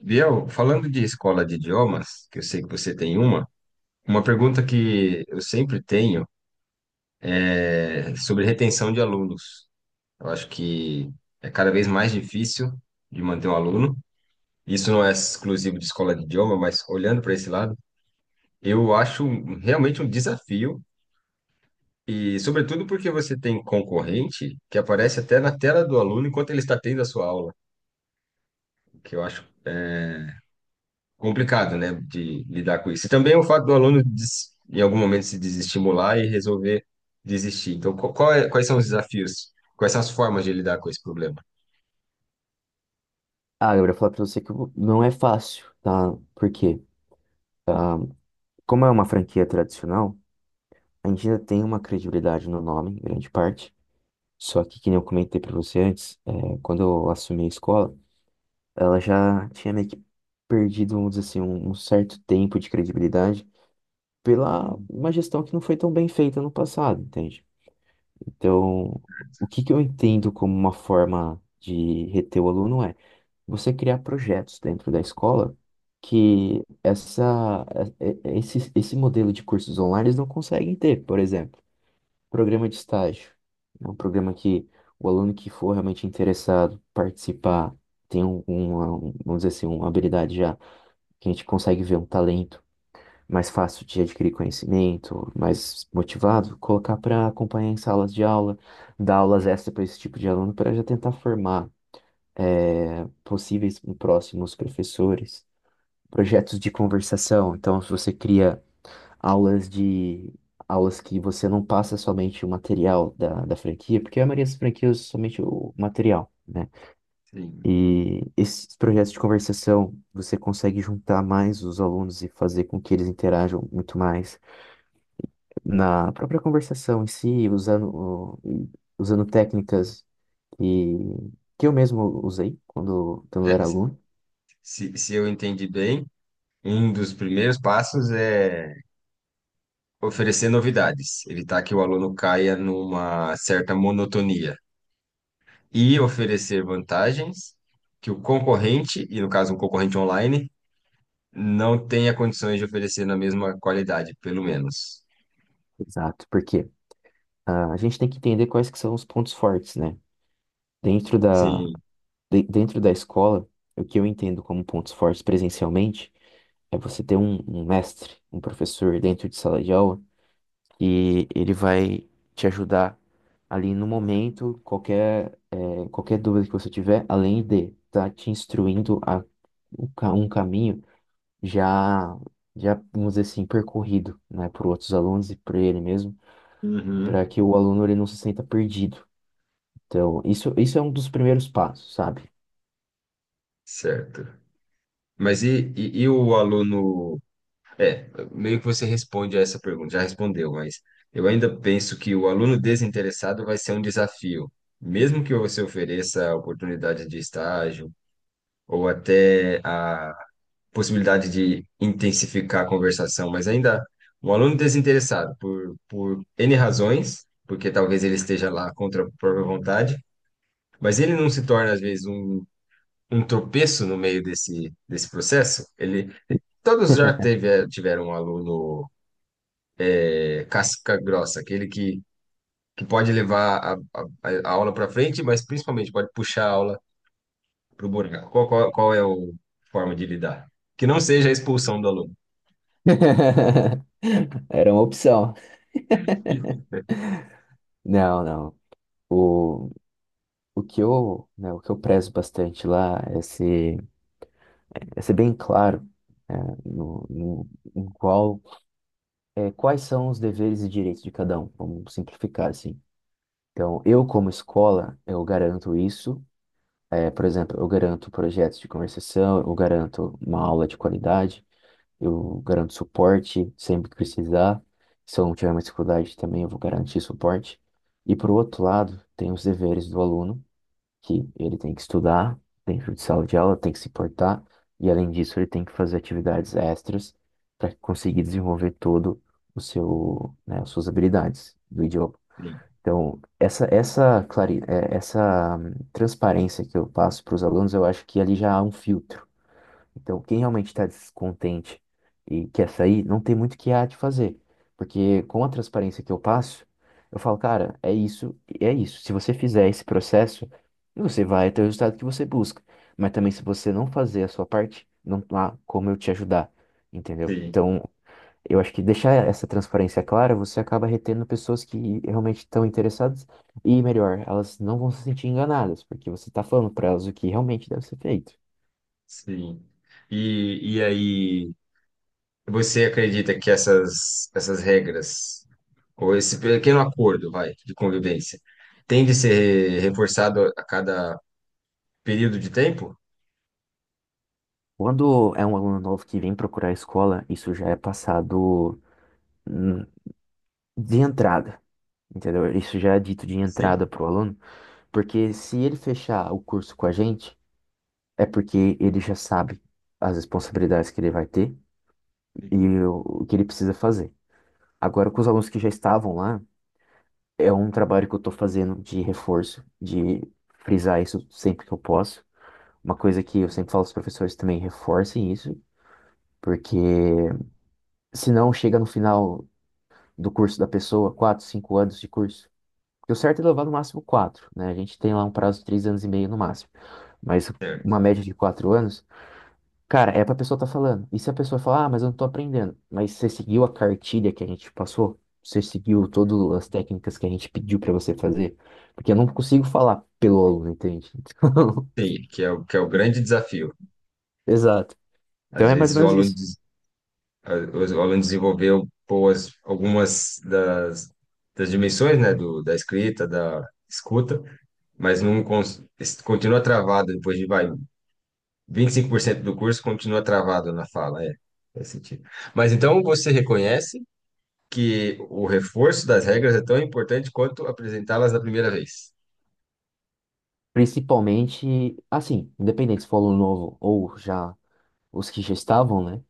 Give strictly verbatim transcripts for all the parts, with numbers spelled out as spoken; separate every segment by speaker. Speaker 1: Biel, falando de escola de idiomas, que eu sei que você tem uma, uma pergunta que eu sempre tenho é sobre retenção de alunos. Eu acho que é cada vez mais difícil de manter um aluno. Isso não é exclusivo de escola de idioma, mas olhando para esse lado, eu acho um- realmente um desafio, e sobretudo porque você tem concorrente que aparece até na tela do aluno enquanto ele está tendo a sua aula, o que eu acho complicado, né, de lidar com isso. E também é o fato do aluno, des- em algum momento, se desestimular e resolver desistir. Então, qu- qual é- quais são os desafios? Quais são as formas de lidar com esse problema?
Speaker 2: Ah, eu ia falar pra você que eu- não é fácil, tá? Porque, como é uma franquia tradicional, a gente ainda tem uma credibilidade no nome, em grande parte. Só que, que nem eu comentei pra você antes, é, quando eu assumi a escola, ela já tinha meio que perdido, vamos dizer assim, um, um certo tempo de credibilidade pela
Speaker 1: Hum.
Speaker 2: uma gestão que não foi tão bem feita no passado, entende? Então, o que que eu entendo como uma forma de reter o aluno é você criar projetos dentro da escola que essa, eh, eh, esse, esse modelo de cursos online eles não conseguem ter. Por exemplo, programa de estágio. É um programa que o aluno que for realmente interessado participar tem um, uma, um- vamos dizer assim, uma habilidade já que a gente consegue ver um talento mais fácil de adquirir conhecimento, mais motivado, colocar para acompanhar em salas de aula, dar aulas extra para esse tipo de aluno, para já tentar formar eh, possíveis e próximos professores, projetos de conversação. Então, se você cria aulas de aulas que você não passa somente o material da, da franquia, porque a maioria das franquias usa somente o material, né?
Speaker 1: Sim.
Speaker 2: E esses projetos de conversação, você consegue juntar mais os alunos e fazer com que eles interajam muito mais na própria conversação em si, usando, o- usando técnicas que, que eu mesmo usei quando, quando eu
Speaker 1: É,
Speaker 2: era aluno.
Speaker 1: se, se eu entendi bem, um dos primeiros passos é oferecer novidades, evitar que o aluno caia numa certa monotonia e oferecer vantagens que o concorrente, e no caso um concorrente online, não tenha condições de oferecer na mesma qualidade, pelo menos.
Speaker 2: Exato, porque ah, a gente tem que entender quais que são os pontos fortes, né? Dentro da,
Speaker 1: Sim.
Speaker 2: de- Dentro da escola, o que eu entendo como pontos fortes presencialmente é você ter um, um mestre, um professor dentro de sala de aula, e ele vai te ajudar ali no momento, qualquer, eh, qualquer dúvida que você tiver, além de estar te instruindo a um ca- um caminho já, já, vamos dizer assim, percorrido, né, por outros alunos e por ele mesmo,
Speaker 1: Uhum.
Speaker 2: para que o aluno ele não se sinta perdido. Então, isso, isso é um dos primeiros passos, sabe?
Speaker 1: Certo. Mas e, e, e o aluno? É, meio que você responde a essa pergunta, já respondeu, mas eu ainda penso que o aluno desinteressado vai ser um desafio. Mesmo que você ofereça a oportunidade de estágio ou até a possibilidade de intensificar a conversação, mas ainda um aluno desinteressado por, por N razões, porque talvez ele esteja lá contra a própria vontade, mas ele não se torna, às vezes, um um tropeço no meio desse, desse processo. Ele, todos já teve, eh, tiveram um aluno é, casca grossa, aquele que, que pode levar a, a, a aula para frente, mas principalmente pode puxar a aula para o buraco. Qual, qual, qual é a forma de lidar? Que não seja a expulsão do aluno.
Speaker 2: Era uma opção. Não, não. O, o que eu, né, o que eu prezo bastante lá é ser, é ser bem claro, né, no, no, em qual é, quais são os deveres e direitos de cada um? Vamos simplificar assim. Então, eu como escola, eu garanto isso. É, por exemplo, eu garanto projetos de conversação, eu garanto uma aula de qualidade, eu garanto suporte sempre que precisar. Se eu não tiver mais dificuldade também, eu vou garantir suporte. E por outro lado, tem os deveres do aluno, que ele tem que estudar dentro de sala de aula, tem que se portar, e além disso, ele tem que fazer atividades extras para conseguir desenvolver todo o seu, né, as suas habilidades do idioma.
Speaker 1: Sim,
Speaker 2: Então, essa, essa, clare... eh, essa hum, transparência que eu passo para os alunos, eu acho que ali já há um filtro. Então, quem realmente está descontente e quer sair, não tem muito o que há de fazer. Porque com a transparência que eu passo, eu falo, cara, é isso, é isso. Se você fizer esse processo, você vai ter o resultado que você busca. Mas também se você não fazer a sua parte, não há como eu te ajudar, entendeu?
Speaker 1: sim,
Speaker 2: Então, eu acho que deixar essa transparência clara, você acaba retendo pessoas que realmente estão interessadas e, melhor, elas não vão se sentir enganadas, porque você está falando para elas o que realmente deve ser feito.
Speaker 1: sim. E, e aí, você acredita que essas, essas regras, ou esse pequeno acordo, vai, de convivência, tem de ser reforçado a cada período de tempo?
Speaker 2: Quando é um aluno novo que vem procurar a escola, isso já é passado, hum, de entrada, entendeu? Isso já é dito de entrada
Speaker 1: Sim.
Speaker 2: para o aluno, porque se ele fechar o curso com a gente, é porque ele já sabe as responsabilidades que ele vai ter e
Speaker 1: Uhum.
Speaker 2: o o que ele precisa fazer. Agora, com os alunos que já estavam lá, é um trabalho que eu estou fazendo de reforço, de frisar isso sempre que eu posso. Uma coisa que eu sempre falo aos professores também, reforcem isso, porque senão chega no final. do curso da pessoa, quatro, cinco anos de curso. Porque o certo é levar no máximo quatro, né? A gente tem lá um prazo de três anos e meio no máximo, mas
Speaker 1: Certo.
Speaker 2: uma média de quatro anos, cara, é pra pessoa estar tá falando. E se a pessoa falar, ah, mas eu não tô aprendendo, mas você seguiu a cartilha que a gente passou? Você seguiu todas as técnicas que a gente pediu pra você fazer? Porque eu não consigo falar pelo aluno, entende?
Speaker 1: Sim, que é o, que é o grande desafio.
Speaker 2: Então, exato. Então
Speaker 1: Às
Speaker 2: é mais ou
Speaker 1: vezes o
Speaker 2: menos
Speaker 1: aluno,
Speaker 2: isso.
Speaker 1: des- a- o aluno desenvolveu boas, algumas das, das dimensões, né, do, da escrita, da escuta, mas não cons- es- continua travado depois de, vai, vinte e cinco por cento do curso continua travado na fala, é, faz sentido. Mas então você reconhece que o reforço das regras é tão importante quanto apresentá-las da primeira vez.
Speaker 2: Principalmente, assim, independente se for aluno novo ou já os que já estavam, né?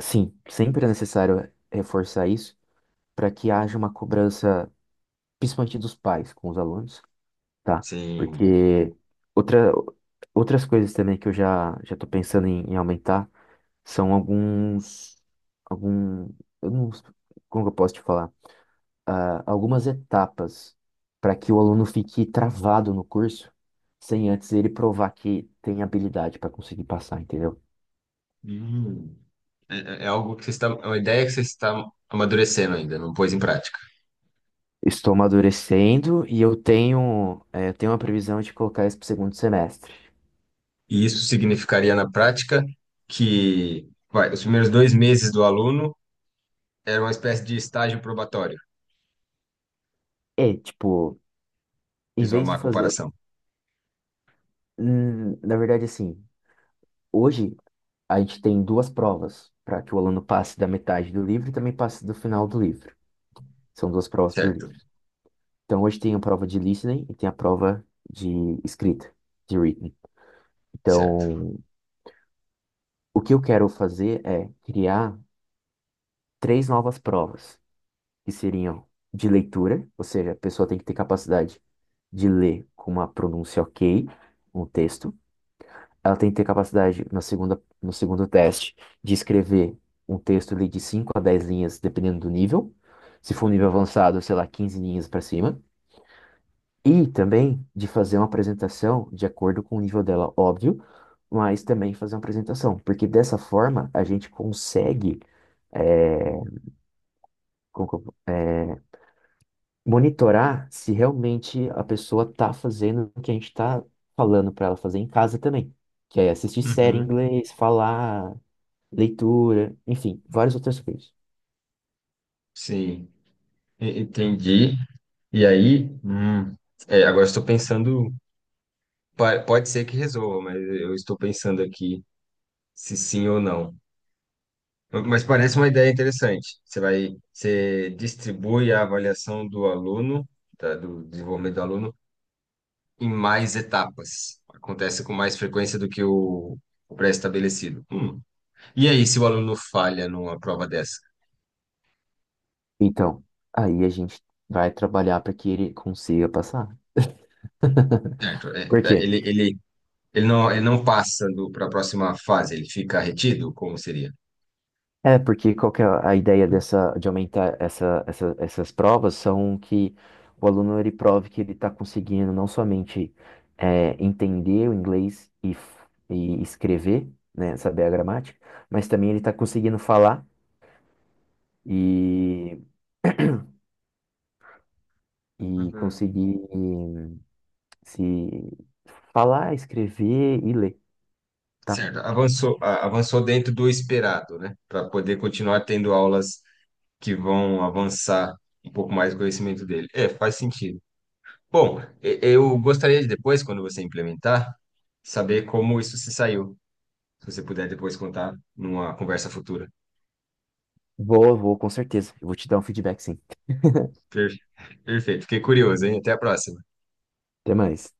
Speaker 2: Sim, sempre é necessário reforçar isso para que haja uma cobrança, principalmente dos pais com os alunos, tá?
Speaker 1: Sim.
Speaker 2: Porque outra, outras coisas também que eu já já estou pensando em, em aumentar são alguns algum eu não, como que eu posso te falar? Ah, algumas etapas para que o aluno fique travado no curso sem antes ele provar que tem habilidade para conseguir passar, entendeu?
Speaker 1: É é é algo que você está, é uma ideia que você está amadurecendo ainda, não pôs em prática.
Speaker 2: Estou amadurecendo e eu tenho, é, eu tenho uma previsão de colocar isso pro segundo semestre.
Speaker 1: E isso significaria na prática que, vai, os primeiros dois meses do aluno era uma espécie de estágio probatório.
Speaker 2: É, tipo, em
Speaker 1: Fiz uma
Speaker 2: vez de
Speaker 1: má
Speaker 2: fazer.
Speaker 1: comparação.
Speaker 2: hum, na verdade, assim, hoje a gente tem duas provas para que o aluno passe da metade do livro e também passe do final do livro. São duas provas por livro.
Speaker 1: Certo,
Speaker 2: Então, hoje tem a prova de listening e tem a prova de escrita, de written.
Speaker 1: certo.
Speaker 2: Então, o que eu quero fazer é criar três novas provas. que seriam de leitura, ou seja, a pessoa tem que ter capacidade de ler com uma pronúncia ok um texto. Ela tem que ter capacidade, na segunda, no segundo teste, de escrever um texto ali de cinco a dez linhas, dependendo do nível. Se for um nível
Speaker 1: Uhum.
Speaker 2: avançado, sei lá, quinze linhas para cima. E também de fazer uma apresentação de acordo com o nível dela, óbvio, mas também fazer uma apresentação, porque dessa forma a gente consegue, é, como que eu- monitorar se realmente a pessoa tá fazendo o que a gente tá falando para ela fazer em casa também, que é assistir série em
Speaker 1: Uhum.
Speaker 2: inglês, falar, leitura, enfim, várias outras coisas.
Speaker 1: Sim, e- entendi. E aí, hum, é, agora estou pensando, pa- pode ser que resolva, mas eu estou pensando aqui se sim ou não. Mas parece uma ideia interessante. Você vai, você distribui a avaliação do aluno, tá, do desenvolvimento do aluno, em mais etapas. Acontece com mais frequência do que o, o pré-estabelecido. Hum. E aí, se o aluno falha numa prova dessa?
Speaker 2: Então, aí a gente vai trabalhar para que ele consiga passar.
Speaker 1: Certo, é, tá,
Speaker 2: Porque
Speaker 1: ele, ele, ele não, ele não passa para a próxima fase, ele fica retido? Como seria?
Speaker 2: É, porque qual que é a ideia dessa, de aumentar essa, essa- essas provas são que o aluno ele prove que ele está conseguindo não somente é, entender o inglês e, f- e escrever, né, saber a gramática, mas também ele está conseguindo falar e, e
Speaker 1: Uhum.
Speaker 2: conseguir se falar, escrever e ler, tá?
Speaker 1: Certo, avançou, a- avançou dentro do esperado, né? Para poder continuar tendo aulas que vão avançar um pouco mais o conhecimento dele. É, faz sentido. Bom, e- eu gostaria de depois, quando você implementar, saber como isso se saiu. Se você puder depois contar numa conversa futura.
Speaker 2: Boa, vou com certeza. Eu vou te dar um feedback, sim.
Speaker 1: Per- Perfeito, fiquei curioso, hein? Até a próxima.
Speaker 2: Até mais.